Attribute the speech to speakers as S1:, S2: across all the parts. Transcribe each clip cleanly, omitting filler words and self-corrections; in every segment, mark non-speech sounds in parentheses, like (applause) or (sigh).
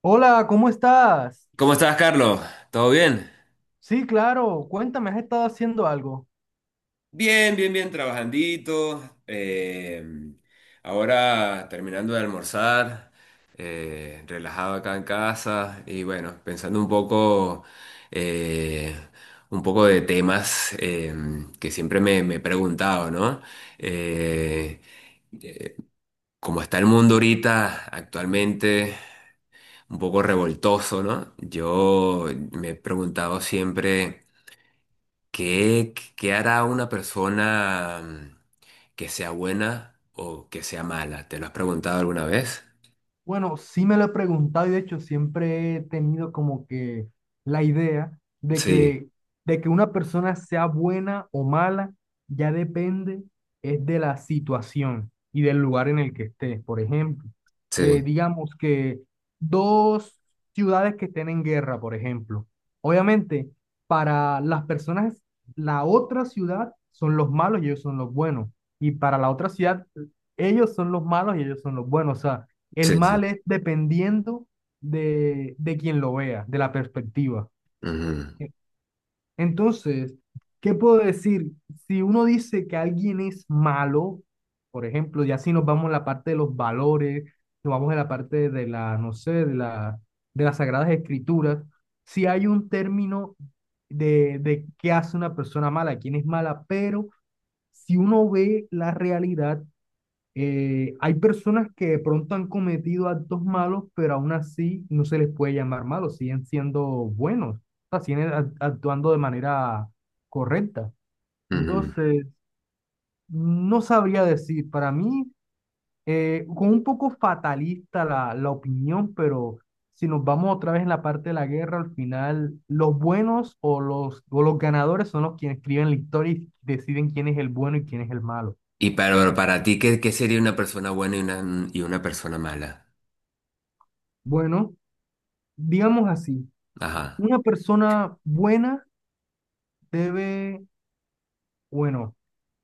S1: Hola, ¿cómo estás?
S2: ¿Cómo estás, Carlos? ¿Todo bien?
S1: Sí, claro, cuéntame, ¿has estado haciendo algo?
S2: Bien, bien, bien, trabajandito. eh, Ahora terminando de almorzar, relajado acá en casa y bueno, pensando eh, un poco de temas que siempre me he preguntado, ¿no? Eh, eh, ¿cómo está el mundo ahorita actualmente, un poco revoltoso, ¿no? Yo me he preguntado siempre. ¿Qué hará una persona que sea buena o que sea mala? ¿Te lo has preguntado alguna vez?
S1: Bueno, sí me lo he preguntado y de hecho siempre he tenido como que la idea
S2: Sí,
S1: de que una persona sea buena o mala ya depende es de la situación y del lugar en el que estés. Por ejemplo,
S2: sí,
S1: digamos que dos ciudades que estén en guerra, por ejemplo. Obviamente, para las personas, la otra ciudad son los malos y ellos son los buenos. Y para la otra ciudad, ellos son los malos y ellos son los buenos. O sea, el
S2: sí, sí.
S1: mal es dependiendo de quien lo vea, de la perspectiva.
S2: Ujú,
S1: E- Entonces, ¿qué puedo decir? Si uno dice que alguien es malo, por ejemplo, ya si nos vamos a la parte de los valores, nos vamos a la parte de la, no sé, de la, de las sagradas escrituras, si hay un término de qué hace una persona mala, quién es mala, pero si uno ve la realidad, hay personas que de pronto han cometido actos malos, pero aún así no se les puede llamar malos, siguen siendo buenos, o sea, actuando de manera correcta.
S2: ujú.
S1: Entonces, no sabría decir, para mí, con un poco fatalista la, la opinión, pero si nos vamos otra vez en la parte de la guerra, al final los buenos o o los ganadores son los quienes escriben la historia y deciden quién es el bueno y quién es el malo.
S2: Y para ti, ¿qué, qué sería una persona buena y una, y una persona mala?
S1: Bueno, digamos así.
S2: Ajá.
S1: Una persona buena debe, bueno,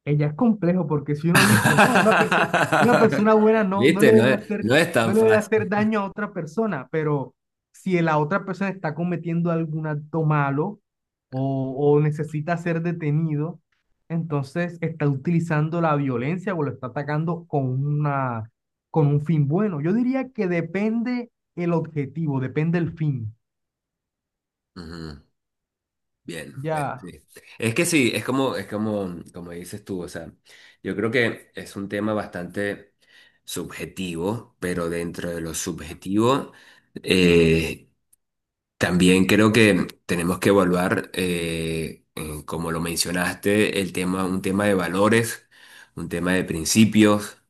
S1: ella es complejo porque si uno dice, no, una
S2: (laughs)
S1: persona buena no, no
S2: ¿Viste?
S1: le
S2: No
S1: debe
S2: es,
S1: hacer,
S2: no es
S1: no
S2: tan
S1: le debe hacer
S2: fácil.
S1: daño a otra persona, pero si la otra persona está cometiendo algún acto malo o necesita ser detenido, entonces está utilizando la violencia o lo está atacando con una, con un fin bueno. Yo diría que depende el objetivo, depende el fin.
S2: Ujú. Bien, bien,
S1: Ya.
S2: sí. Es que sí, es como, como dices tú, o sea, yo creo que es un tema bastante subjetivo, pero dentro de lo subjetivo, eh, también creo que tenemos que evaluar, como lo mencionaste, el tema, un tema de valores, un tema de principios,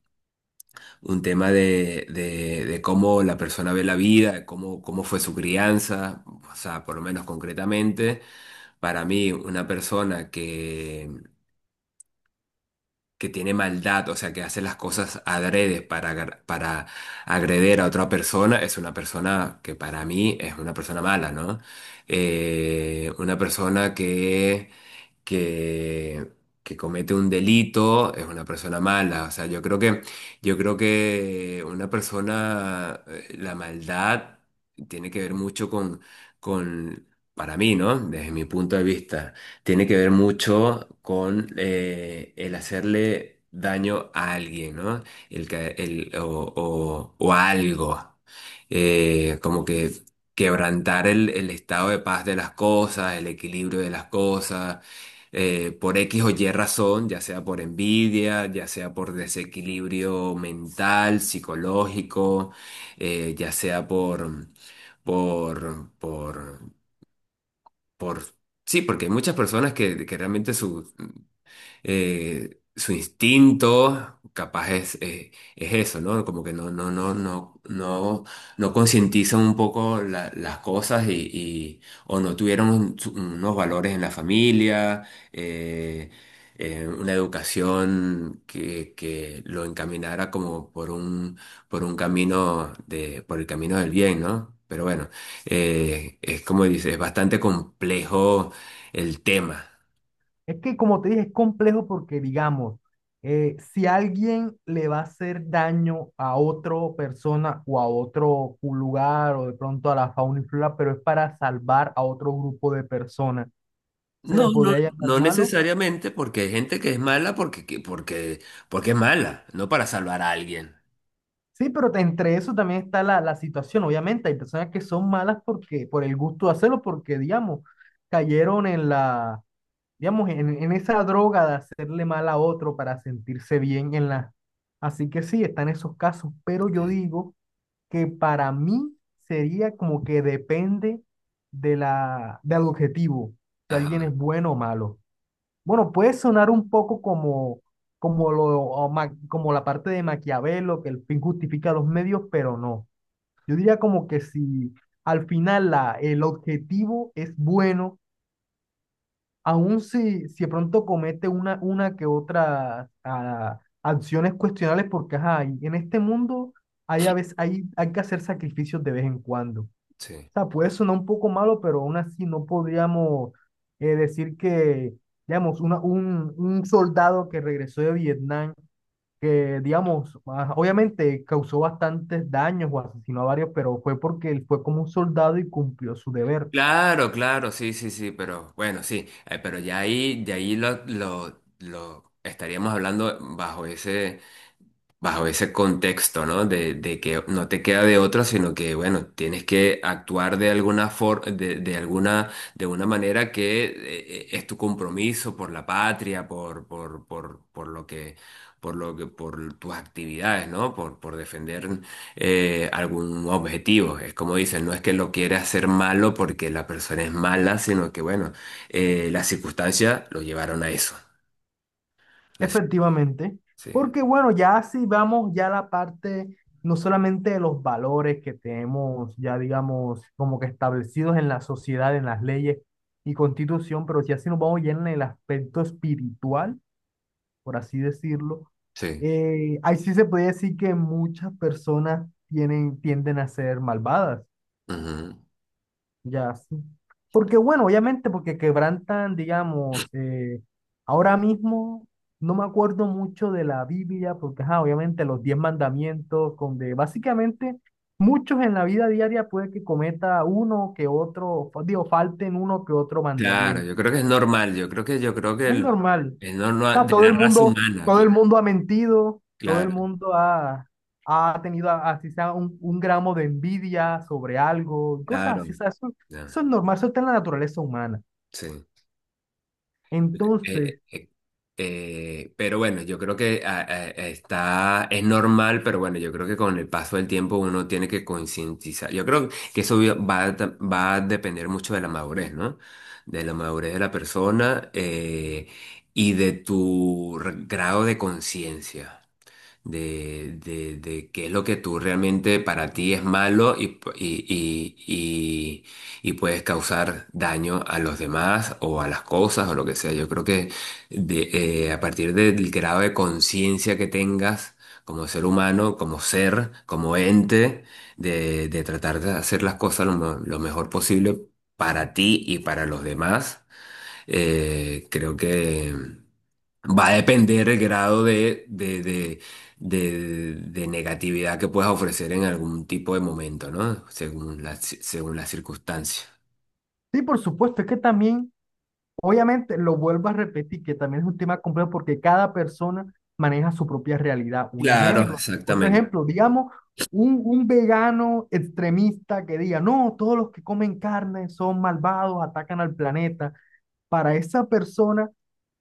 S2: un tema de, de cómo la persona ve la vida, cómo, cómo fue su crianza, o sea, por lo menos concretamente. Para mí, una persona que tiene maldad, o sea, que hace las cosas adrede para, para agreder a otra persona, es una persona que para mí es una persona mala, ¿no? Una persona que, que comete un delito es una persona mala. O sea, yo creo que una persona, la maldad tiene que ver mucho con, para mí, ¿no? Desde mi punto de vista, tiene que ver mucho con el hacerle daño a alguien, ¿no? O algo. Como que quebrantar el estado de paz de las cosas, el equilibrio de las cosas por X o Y razón, ya sea por envidia, ya sea por desequilibrio mental, psicológico, ya sea por, por, por, sí, porque hay muchas personas que realmente su, su instinto, capaz es eso, ¿no? Como que no, no, no, no, no, no concientizan un poco las cosas y o no tuvieron unos valores en la familia, eh, una educación que lo encaminara como por un camino de, por el camino del bien, ¿no? Pero bueno, es como dices, es bastante complejo el tema.
S1: Es que, como te dije, es complejo porque, digamos, si alguien le va a hacer daño a otra persona o a otro lugar o de pronto a la fauna y flora, pero es para salvar a otro grupo de personas, ¿se le
S2: No, no,
S1: podría llamar
S2: no
S1: malo?
S2: necesariamente porque hay gente que es mala porque, porque, porque es mala, no para salvar a alguien.
S1: Sí, pero entre eso también está la, la situación. Obviamente, hay personas que son malas porque, por el gusto de hacerlo, porque, digamos, cayeron en la digamos, en esa droga de hacerle mal a otro para sentirse bien en la... Así que sí, están esos casos, pero yo
S2: Sí.
S1: digo que para mí sería como que depende de la, del objetivo, si alguien es
S2: Ajá,
S1: bueno o malo. Bueno, puede sonar un poco como, como, lo, como la parte de Maquiavelo, que el fin justifica los medios, pero no. Yo diría como que si al final la, el objetivo es bueno, aún si, si de pronto comete una que otra acciones cuestionables, porque ajá, y en este mundo hay, a veces, hay que hacer sacrificios de vez en cuando. O
S2: sí.
S1: sea, puede sonar un poco malo, pero aún así no podríamos decir que, digamos, una, un soldado que regresó de Vietnam, que, digamos, obviamente causó bastantes daños o asesinó a varios, pero fue porque él fue como un soldado y cumplió su deber.
S2: Claro, claro, sí, sí, sí, pero bueno, sí, pero ya ahí, de ahí lo estaríamos hablando bajo ese contexto, ¿no? De que no te queda de otra, sino que, bueno, tienes que actuar de alguna forma, de alguna, de una manera que es tu compromiso por la patria, por lo que, por lo que, por tus actividades, ¿no? Por defender algún objetivo. Es como dicen, no es que lo quieras hacer malo porque la persona es mala, sino que, bueno, las circunstancias lo llevaron a eso. Las-
S1: Efectivamente,
S2: sí,
S1: porque bueno, ya si vamos ya a la parte no solamente de los valores que tenemos ya digamos como que establecidos en la sociedad, en las leyes y constitución, pero ya si nos vamos ya en el aspecto espiritual, por así decirlo,
S2: sí.
S1: ahí sí se puede decir que muchas personas tienen, tienden a ser malvadas.
S2: Ujú.
S1: Ya, sí. Porque bueno, obviamente porque quebrantan, digamos, ahora mismo no me acuerdo mucho de la Biblia, porque ajá, obviamente los 10 mandamientos, donde básicamente muchos en la vida diaria puede que cometa uno que otro, digo, falten uno que otro
S2: Claro,
S1: mandamiento.
S2: yo creo que es normal, yo creo que
S1: Es
S2: el-
S1: normal.
S2: es
S1: O
S2: normal
S1: sea,
S2: de la raza humana,
S1: todo el mundo ha mentido, todo el
S2: claro,
S1: mundo ha, ha tenido, a- así sea, un gramo de envidia sobre algo, cosas
S2: claro,
S1: así, o sea, eso,
S2: ya,
S1: eso es normal, eso está en la naturaleza humana.
S2: sí. Eh,
S1: Entonces,
S2: eh, pero bueno, yo creo que está, es normal, pero bueno, yo creo que con el paso del tiempo uno tiene que concientizar. Yo creo que eso va a, va a depender mucho de la madurez, ¿no? De la madurez de la persona y de tu grado de conciencia. De, de qué es lo que tú realmente para ti es malo y y puedes causar daño a los demás o a las cosas o lo que sea. Yo creo que de, a partir del grado de conciencia que tengas como ser humano, como ser, como ente, de tratar de hacer las cosas lo, lo mejor posible para ti y para los demás, creo que... Va a depender el grado de, de negatividad que puedas ofrecer en algún tipo de momento, ¿no? Según la, según las circunstancias.
S1: sí, por supuesto, es que también, obviamente, lo vuelvo a repetir, que también es un tema complejo porque cada persona maneja su propia realidad. Un
S2: Claro,
S1: ejemplo, otro
S2: exactamente.
S1: ejemplo, digamos, un vegano extremista que diga, no, todos los que comen carne son malvados, atacan al planeta. Para esa persona,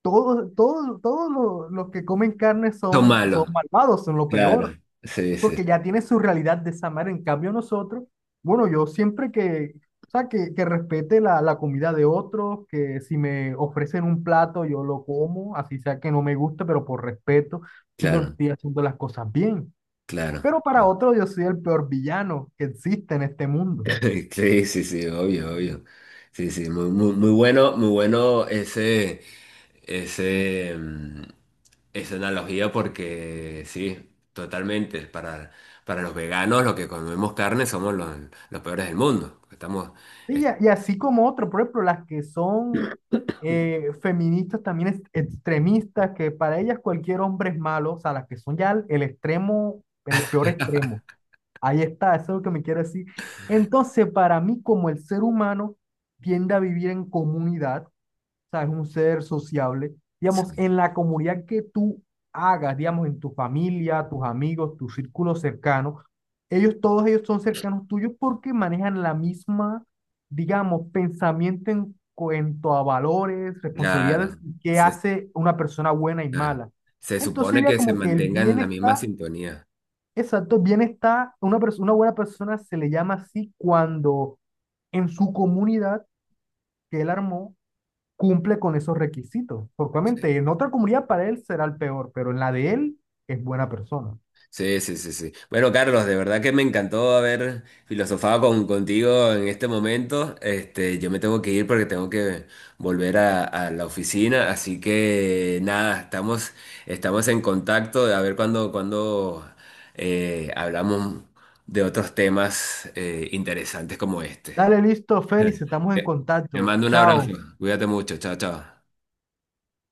S1: todos, todos, todos los que comen carne
S2: Son
S1: son, son
S2: malos.
S1: malvados, son lo
S2: Claro.
S1: peor,
S2: Sí, sí.
S1: porque ya tiene su realidad de esa manera. En cambio nosotros, bueno, yo siempre que, o sea, que respete la, la comida de otros, que si me ofrecen un plato, yo lo como, así sea que no me guste, pero por respeto, siento que
S2: Claro,
S1: estoy haciendo las cosas bien.
S2: claro.
S1: Pero para otros yo soy el peor villano que existe en este mundo.
S2: (laughs) Sí, sí, sí, obvio, obvio. Sí, sí, muy, muy, muy bueno, muy bueno ese, esa analogía porque sí, totalmente. Para los veganos, los que comemos carne somos los peores del mundo. Estamos,
S1: Sí, y
S2: es-
S1: y así como otros, por ejemplo, las que son feministas también extremistas, que para ellas cualquier hombre es malo, o sea, las que son ya el extremo, el peor extremo. Ahí está, eso es lo que me quiero decir. Entonces, para mí, como el ser humano tiende a vivir en comunidad, sea, es un ser sociable. Digamos,
S2: sí,
S1: en la comunidad que tú hagas, digamos, en tu familia, tus amigos, tu círculo cercano, ellos, todos ellos son cercanos tuyos porque manejan la misma, digamos, pensamiento en cuanto a valores, responsabilidades
S2: claro,
S1: que
S2: se,
S1: hace una persona buena y
S2: claro.
S1: mala.
S2: Se
S1: Entonces
S2: supone
S1: sería
S2: que se
S1: como que el
S2: mantengan en la misma
S1: bienestar,
S2: sintonía.
S1: exacto, bienestar, una, una buena persona se le llama así cuando en su comunidad que él armó, cumple con esos requisitos. Porque
S2: Sí.
S1: obviamente en otra comunidad para él será el peor, pero en la de él es buena persona.
S2: Sí, sí, sí, sí. Bueno, Carlos, de verdad que me encantó haber filosofado con, contigo en este momento. Este, yo me tengo que ir porque tengo que volver a la oficina. Así que nada, estamos, estamos en contacto de a ver cuándo, cuándo hablamos de otros temas interesantes como este.
S1: Dale, listo, Félix, estamos
S2: Te
S1: en
S2: te
S1: contacto.
S2: mando un abrazo.
S1: Chao.
S2: Cuídate mucho. Chao, chao.